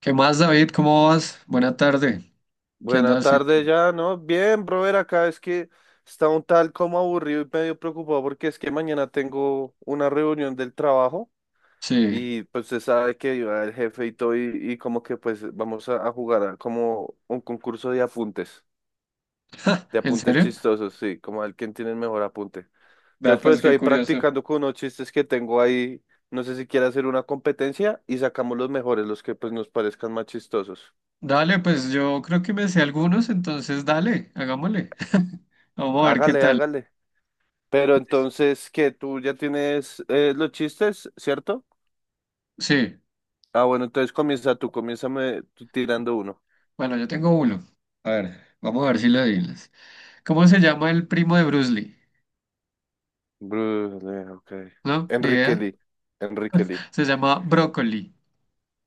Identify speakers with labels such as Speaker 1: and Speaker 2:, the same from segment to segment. Speaker 1: ¿Qué más, David? ¿Cómo vas? Buena tarde. ¿Qué
Speaker 2: Buena
Speaker 1: andas
Speaker 2: tarde
Speaker 1: haciendo?
Speaker 2: ya, ¿no? Bien, brother, acá es que está un tal como aburrido y medio preocupado porque es que mañana tengo una reunión del trabajo
Speaker 1: Sí.
Speaker 2: y pues se sabe que iba el jefe y todo y como que pues vamos a jugar a como un concurso de
Speaker 1: ¿En
Speaker 2: apuntes
Speaker 1: serio?
Speaker 2: chistosos, sí, como el quien tiene el mejor apunte.
Speaker 1: Vea,
Speaker 2: Entonces pues
Speaker 1: pues
Speaker 2: estoy
Speaker 1: qué
Speaker 2: ahí
Speaker 1: curioso.
Speaker 2: practicando con unos chistes que tengo ahí, no sé si quiere hacer una competencia y sacamos los mejores, los que pues nos parezcan más chistosos.
Speaker 1: Dale, pues yo creo que me sé algunos, entonces dale, hagámosle. Vamos a ver qué
Speaker 2: Hágale,
Speaker 1: tal.
Speaker 2: hágale. Pero entonces, que tú ya tienes los chistes, ¿cierto?
Speaker 1: Sí.
Speaker 2: Ah, bueno, entonces comienza tú, comiénzame tú tirando uno.
Speaker 1: Bueno, yo tengo uno. A ver, vamos a ver si lo adivinas. ¿Cómo se llama el primo de Bruce Lee?
Speaker 2: Brule, ok.
Speaker 1: ¿No? Ni
Speaker 2: Enrique
Speaker 1: idea.
Speaker 2: Lee, Enrique Lee.
Speaker 1: Se llama Brócoli.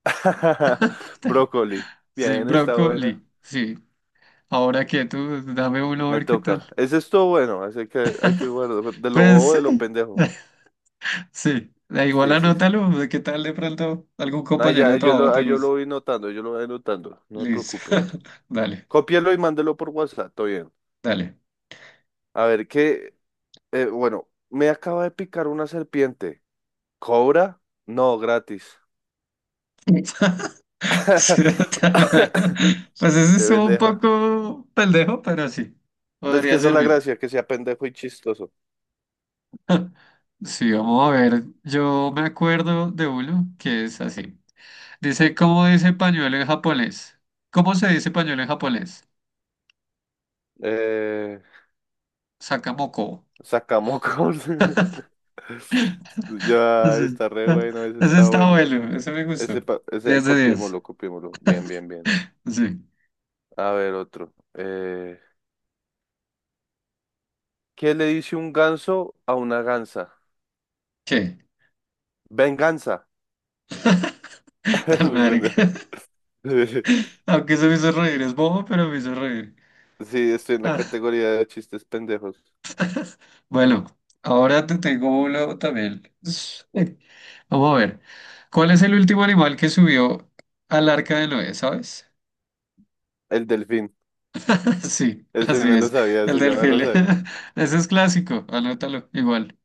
Speaker 2: Brócoli.
Speaker 1: Sí,
Speaker 2: Bien, está buena.
Speaker 1: Brócoli. Sí. Ahora que tú, dame uno a
Speaker 2: Me
Speaker 1: ver qué tal.
Speaker 2: toca. Ese estuvo bueno, así que hay que guardar. De lo
Speaker 1: Pues
Speaker 2: bobo,
Speaker 1: sí.
Speaker 2: de lo pendejo.
Speaker 1: Sí, da igual,
Speaker 2: Sí, sí, sí.
Speaker 1: anótalo, de qué tal de pronto algún
Speaker 2: Ay,
Speaker 1: compañero
Speaker 2: ya,
Speaker 1: de trabajo te
Speaker 2: yo lo
Speaker 1: guste.
Speaker 2: voy notando, yo lo voy notando, no me
Speaker 1: Listo.
Speaker 2: preocupe.
Speaker 1: Dale,
Speaker 2: Cópielo y mándelo por WhatsApp, todo bien.
Speaker 1: dale.
Speaker 2: A ver, qué, bueno, me acaba de picar una serpiente. ¿Cobra? No, gratis.
Speaker 1: Sí, pues ese
Speaker 2: Qué
Speaker 1: estuvo un
Speaker 2: pendeja.
Speaker 1: poco pendejo, pero sí,
Speaker 2: ¿Ves que
Speaker 1: podría
Speaker 2: esa es la
Speaker 1: servir.
Speaker 2: gracia? Que sea pendejo y chistoso.
Speaker 1: Sí, vamos a ver. Yo me acuerdo de uno que es así. Dice, ¿cómo dice pañuelo en japonés? ¿Cómo se dice pañuelo en japonés?
Speaker 2: Eh,
Speaker 1: Sakamoko.
Speaker 2: sacamos. Ya
Speaker 1: Sí.
Speaker 2: está re
Speaker 1: Ah,
Speaker 2: bueno, ese
Speaker 1: ese
Speaker 2: está
Speaker 1: está
Speaker 2: bueno.
Speaker 1: bueno, ese me
Speaker 2: Ese,
Speaker 1: gustó.
Speaker 2: ese
Speaker 1: 10 de 10.
Speaker 2: copiémoslo, copiémoslo. Bien, bien, bien.
Speaker 1: Sí.
Speaker 2: A ver, otro. ¿Qué le dice un ganso a una gansa?
Speaker 1: ¿Qué?
Speaker 2: Venganza.
Speaker 1: Tan
Speaker 2: Muy
Speaker 1: verga.
Speaker 2: pendejo.
Speaker 1: Aunque eso me hizo reír, es bobo, pero me hizo reír.
Speaker 2: Sí, estoy en la
Speaker 1: Ah,
Speaker 2: categoría de chistes pendejos.
Speaker 1: bueno, ahora te tengo uno también. Vamos a ver. ¿Cuál es el último animal que subió al arca de Noé, sabes?
Speaker 2: El delfín.
Speaker 1: Sí,
Speaker 2: Ese
Speaker 1: así
Speaker 2: me lo
Speaker 1: es,
Speaker 2: sabía,
Speaker 1: el
Speaker 2: ese ya me
Speaker 1: delfín.
Speaker 2: lo sabía.
Speaker 1: Ese es clásico, anótalo, igual.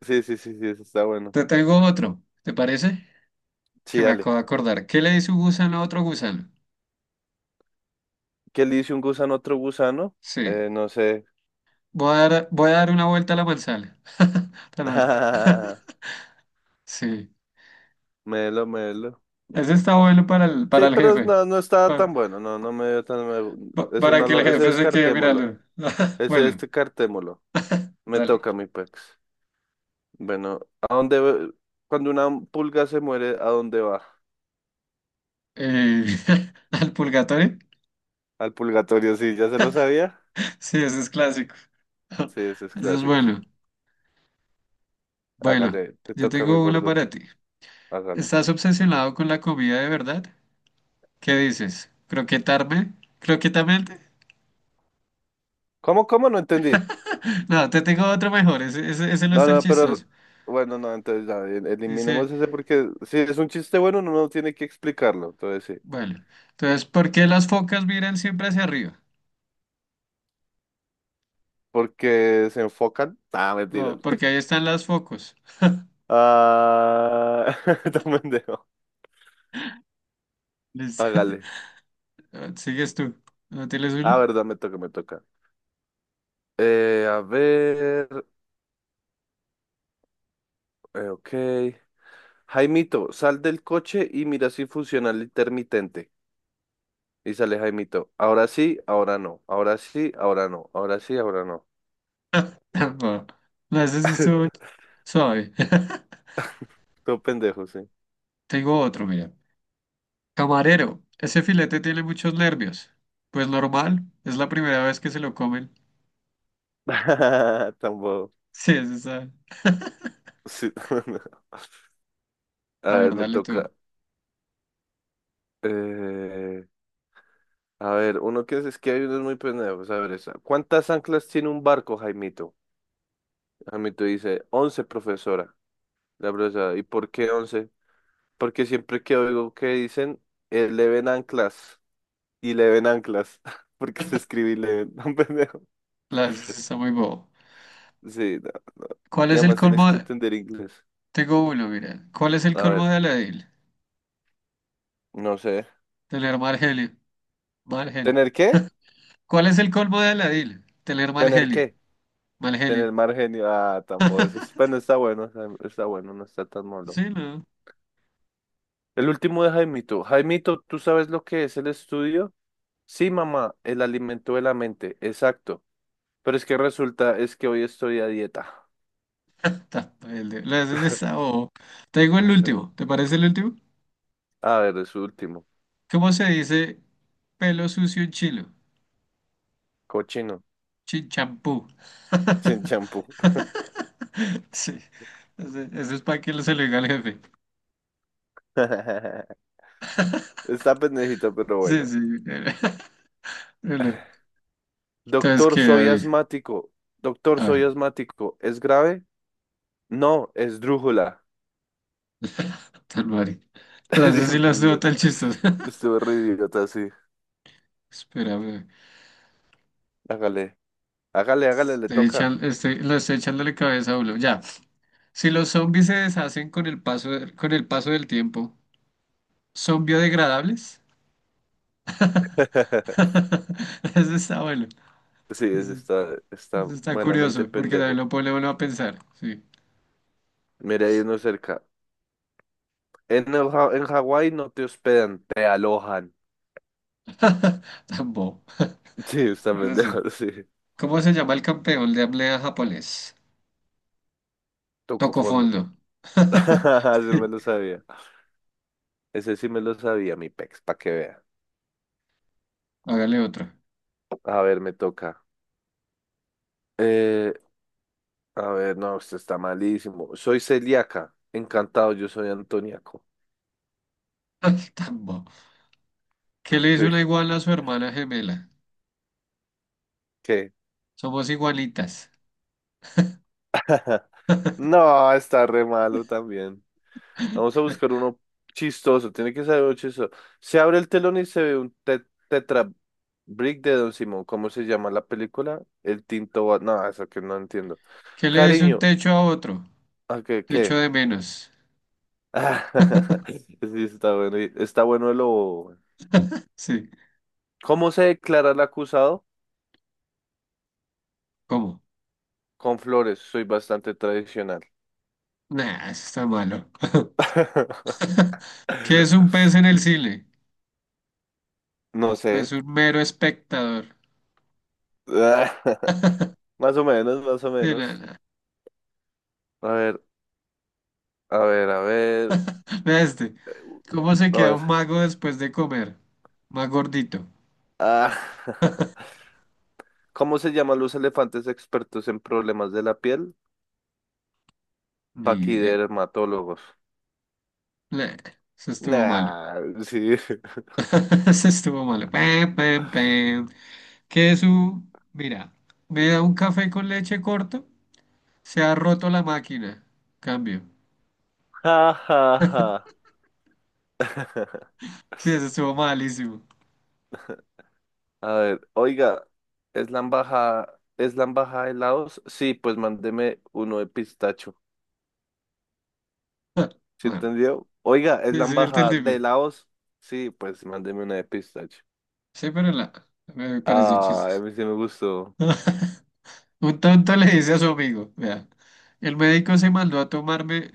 Speaker 2: Sí, sí, sí, sí, eso está bueno.
Speaker 1: Te tengo otro, ¿te parece?
Speaker 2: Sí,
Speaker 1: Que me
Speaker 2: dale.
Speaker 1: acabo de acordar. ¿Qué le dice un gusano a otro gusano?
Speaker 2: ¿Qué le dice un gusano a otro gusano?
Speaker 1: Sí,
Speaker 2: No sé.
Speaker 1: voy a dar una vuelta a la manzana. Tan verga. Sí.
Speaker 2: Melo, melo.
Speaker 1: Ese está bueno
Speaker 2: Sí,
Speaker 1: para el
Speaker 2: pero
Speaker 1: jefe.
Speaker 2: no, no estaba
Speaker 1: Pa-
Speaker 2: tan bueno. No, no me dio tan.
Speaker 1: pa-
Speaker 2: me- Ese
Speaker 1: Para,
Speaker 2: no
Speaker 1: que el
Speaker 2: lo. Ese
Speaker 1: jefe se quede,
Speaker 2: descartémoslo.
Speaker 1: míralo.
Speaker 2: Ese
Speaker 1: Bueno,
Speaker 2: descartémoslo. Me
Speaker 1: dale.
Speaker 2: toca mi pex. Bueno, ¿a dónde. ve- Cuando una pulga se muere, ¿a dónde va?
Speaker 1: Eh, ¿al purgatorio?
Speaker 2: Al purgatorio, sí, ¿ya se lo sabía?
Speaker 1: Sí, ese es clásico.
Speaker 2: Sí, ese es
Speaker 1: Ese es
Speaker 2: clásico.
Speaker 1: bueno. Bueno,
Speaker 2: Hágale, te
Speaker 1: yo
Speaker 2: toca mi
Speaker 1: tengo uno
Speaker 2: gordo.
Speaker 1: para ti.
Speaker 2: Hágale.
Speaker 1: ¿Estás obsesionado con la comida de verdad? ¿Qué dices? ¿Croquetarme? ¿Croquetamente?
Speaker 2: ¿Cómo, cómo? No entendí.
Speaker 1: No, te tengo otro mejor. Ese no
Speaker 2: No,
Speaker 1: está el
Speaker 2: no,
Speaker 1: chistoso.
Speaker 2: pero bueno, no, entonces ya,
Speaker 1: Dice,
Speaker 2: eliminemos ese porque si es un chiste bueno, uno no tiene que explicarlo, entonces sí,
Speaker 1: bueno, entonces, ¿por qué las focas miran siempre hacia arriba?
Speaker 2: porque se enfocan. Ah, mentiras.
Speaker 1: No, porque ahí están las focos.
Speaker 2: Ah, no, pendejo. Hágale.
Speaker 1: Ah, ¿sigues tú? ¿No tienes
Speaker 2: Ah,
Speaker 1: uno?
Speaker 2: verdad, me toca, me toca. A ver, ok. Jaimito, sal del coche y mira si funciona el intermitente. Y sale Jaimito. Ahora sí, ahora no. Ahora sí, ahora no. Ahora sí, ahora no.
Speaker 1: No, no, ese sí estuvo suave.
Speaker 2: Todo pendejo, sí.
Speaker 1: Tengo otro, mira. Camarero, ese filete tiene muchos nervios. Pues normal, es la primera vez que se lo comen.
Speaker 2: Tampoco.
Speaker 1: Sí, ese está.
Speaker 2: Sí. A
Speaker 1: A
Speaker 2: ver,
Speaker 1: ver,
Speaker 2: me
Speaker 1: dale tú.
Speaker 2: toca. eh, a ver, uno que es que hay unos muy pendejos. A ver, esa. ¿Cuántas anclas tiene un barco, Jaimito? Jaimito dice, once, profesora. La profesora, ¿y por qué once? Porque siempre que oigo que dicen, le ven anclas y le ven anclas. Porque se escribe y le ven, un pendejo.
Speaker 1: La, ese sí está muy bobo.
Speaker 2: Sí, no.
Speaker 1: ¿Cuál
Speaker 2: Y
Speaker 1: es el
Speaker 2: además tienes
Speaker 1: colmo
Speaker 2: que
Speaker 1: de-
Speaker 2: entender inglés.
Speaker 1: Tengo uno, mira. ¿Cuál es el
Speaker 2: A
Speaker 1: colmo
Speaker 2: ver,
Speaker 1: de Aladil?
Speaker 2: no sé.
Speaker 1: Tener mal genio. Mal genio.
Speaker 2: ¿Tener qué?
Speaker 1: ¿Cuál es el colmo de Aladil? Tener mal
Speaker 2: ¿Tener
Speaker 1: genio.
Speaker 2: qué?
Speaker 1: Mal genio.
Speaker 2: Tener margen. Ah, tambo. Eso es, bueno, está está bueno, no está tan malo.
Speaker 1: Sí, no.
Speaker 2: El último de Jaimito. Jaimito, ¿tú sabes lo que es el estudio? Sí, mamá, el alimento de la mente, exacto. Pero es que resulta, es que hoy estoy a dieta.
Speaker 1: Está, el de- la, ese sí está bobo. Tengo el último. ¿Te parece el último?
Speaker 2: A ver, es su último.
Speaker 1: ¿Cómo se dice pelo sucio en chilo?
Speaker 2: Cochino,
Speaker 1: Chinchampú.
Speaker 2: sin champú.
Speaker 1: Sí, eso es para que lo, se lo diga al jefe.
Speaker 2: Está pendejito, pero
Speaker 1: Sí,
Speaker 2: bueno.
Speaker 1: sí. Bueno, entonces,
Speaker 2: Doctor,
Speaker 1: ¿qué,
Speaker 2: soy
Speaker 1: David?
Speaker 2: asmático. Doctor,
Speaker 1: A
Speaker 2: soy
Speaker 1: ver,
Speaker 2: asmático. ¿Es grave? No, es drújula.
Speaker 1: tal Mari. Entonces,
Speaker 2: Sí,
Speaker 1: sí
Speaker 2: muy
Speaker 1: las veo
Speaker 2: idiota.
Speaker 1: tan chistosas.
Speaker 2: Estuve re idiota, sí.
Speaker 1: Espérame,
Speaker 2: Hágale. Hágale, hágale, le
Speaker 1: estoy
Speaker 2: toca.
Speaker 1: echan- estoy- la estoy echándole cabeza a uno. Ya, si los zombies se deshacen con el paso, con el paso del tiempo, ¿son biodegradables? Eso está bueno.
Speaker 2: Sí, está, está
Speaker 1: Está
Speaker 2: buenamente
Speaker 1: curioso, porque también
Speaker 2: pendejo.
Speaker 1: lo pone uno a pensar. Sí.
Speaker 2: Mira, hay uno cerca. En, en Hawái no te hospedan, te alojan.
Speaker 1: Tan bobo.
Speaker 2: Sí, está
Speaker 1: Ahora sí.
Speaker 2: pendejo, sí.
Speaker 1: ¿Cómo se llama el campeón de apnea japonés?
Speaker 2: Tocó
Speaker 1: Tocó
Speaker 2: fondo.
Speaker 1: fondo.
Speaker 2: Ese me
Speaker 1: Sí.
Speaker 2: lo sabía. Ese sí me lo sabía, mi pex, para que vea.
Speaker 1: Hágale otro.
Speaker 2: A ver, me toca. Eh, a ver, no, esto está malísimo. Soy celíaca. Encantado, yo soy antoniaco.
Speaker 1: Ay, tan bobo. ¿Qué le dice una iguana a su hermana gemela?
Speaker 2: ¿Qué?
Speaker 1: Somos igualitas.
Speaker 2: No, está re malo también. Vamos a buscar uno chistoso, tiene que ser uno chistoso. Se abre el telón y se ve un tetra brick de Don Simón. ¿Cómo se llama la película? El Tinto Bat. No, eso que no entiendo.
Speaker 1: ¿Qué le dice un
Speaker 2: Cariño,
Speaker 1: techo a otro?
Speaker 2: ¿a qué, qué?
Speaker 1: Techo de menos.
Speaker 2: Sí, está bueno. Está bueno lo. Bobo.
Speaker 1: Sí.
Speaker 2: ¿Cómo se declara el acusado?
Speaker 1: ¿Cómo?
Speaker 2: Con flores, soy bastante tradicional.
Speaker 1: Nah, eso está malo. ¿Qué es un pez en el cine?
Speaker 2: No sé.
Speaker 1: Pues un mero espectador.
Speaker 2: Más o menos, más o
Speaker 1: Sí, no,
Speaker 2: menos.
Speaker 1: no.
Speaker 2: A ver, a ver, a ver,
Speaker 1: Vea este. ¿Cómo se
Speaker 2: a
Speaker 1: queda
Speaker 2: ver.
Speaker 1: un mago después de comer? Más gordito.
Speaker 2: Ah. ¿Cómo se llaman los elefantes expertos en problemas de la piel?
Speaker 1: Ni idea.
Speaker 2: Paquidermatólogos.
Speaker 1: Bleh, eso estuvo malo.
Speaker 2: Nah, sí.
Speaker 1: Eso estuvo malo. Pam, pam, pam. Mira, me da un café con leche corto. Se ha roto la máquina. Cambio.
Speaker 2: Ja, ja, ja.
Speaker 1: Sí, eso estuvo malísimo.
Speaker 2: A ver, oiga, ¿es la embajada de Laos? Sí, pues mándeme uno de pistacho. ¿Sí
Speaker 1: No.
Speaker 2: entendió? Oiga, ¿es
Speaker 1: Sí,
Speaker 2: la
Speaker 1: sí,
Speaker 2: embajada de
Speaker 1: entendible.
Speaker 2: Laos? Sí, pues mándeme una de pistacho.
Speaker 1: Sí, me pareció
Speaker 2: Ah, a
Speaker 1: chistes.
Speaker 2: mí sí me gustó.
Speaker 1: Un tonto le dice a su amigo, vea, el médico se mandó a tomarme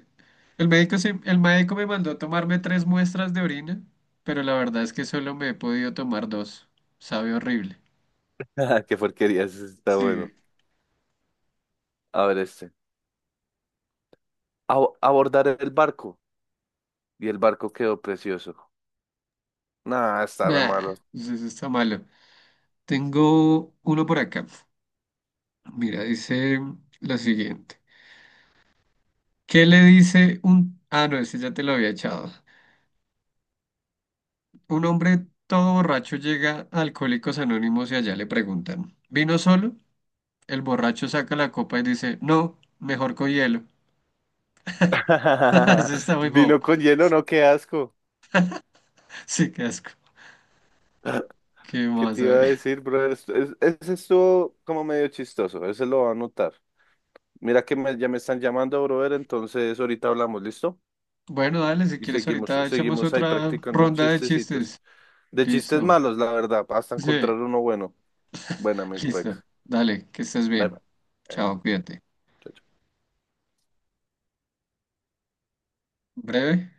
Speaker 1: El médico, me mandó a tomarme tres muestras de orina, pero la verdad es que solo me he podido tomar dos. Sabe horrible.
Speaker 2: Qué porquería, ese sí está
Speaker 1: Sí.
Speaker 2: bueno. A ver este. Abordar el barco. Y el barco quedó precioso. Nah, está re malo.
Speaker 1: Nah, pues eso sí está malo. Tengo uno por acá. Mira, dice lo siguiente. ¿Qué le dice un... Ah, no, ese ya te lo había echado. Un hombre todo borracho llega a Alcohólicos Anónimos y allá le preguntan, ¿vino solo? El borracho saca la copa y dice, no, mejor con hielo. Eso está muy bobo.
Speaker 2: Vino con hielo, no, qué asco.
Speaker 1: Sí, qué asco. ¿Qué
Speaker 2: ¿Qué
Speaker 1: más?
Speaker 2: te
Speaker 1: A
Speaker 2: iba a
Speaker 1: ver.
Speaker 2: decir, brother? Ese estuvo como medio chistoso, ese lo va a notar. Mira que ya me están llamando, brother, entonces ahorita hablamos, ¿listo?
Speaker 1: Bueno, dale, si
Speaker 2: Y
Speaker 1: quieres
Speaker 2: seguimos,
Speaker 1: ahorita echamos
Speaker 2: seguimos ahí
Speaker 1: otra
Speaker 2: practicando
Speaker 1: ronda de
Speaker 2: chistecitos.
Speaker 1: chistes.
Speaker 2: De chistes
Speaker 1: Listo.
Speaker 2: malos, la verdad, hasta
Speaker 1: Sí,
Speaker 2: encontrar uno bueno. Buena, mi
Speaker 1: listo.
Speaker 2: pex.
Speaker 1: Dale, que estés
Speaker 2: Bye, bye.
Speaker 1: bien.
Speaker 2: Bueno,
Speaker 1: Chao, cuídate.
Speaker 2: chao,
Speaker 1: Breve.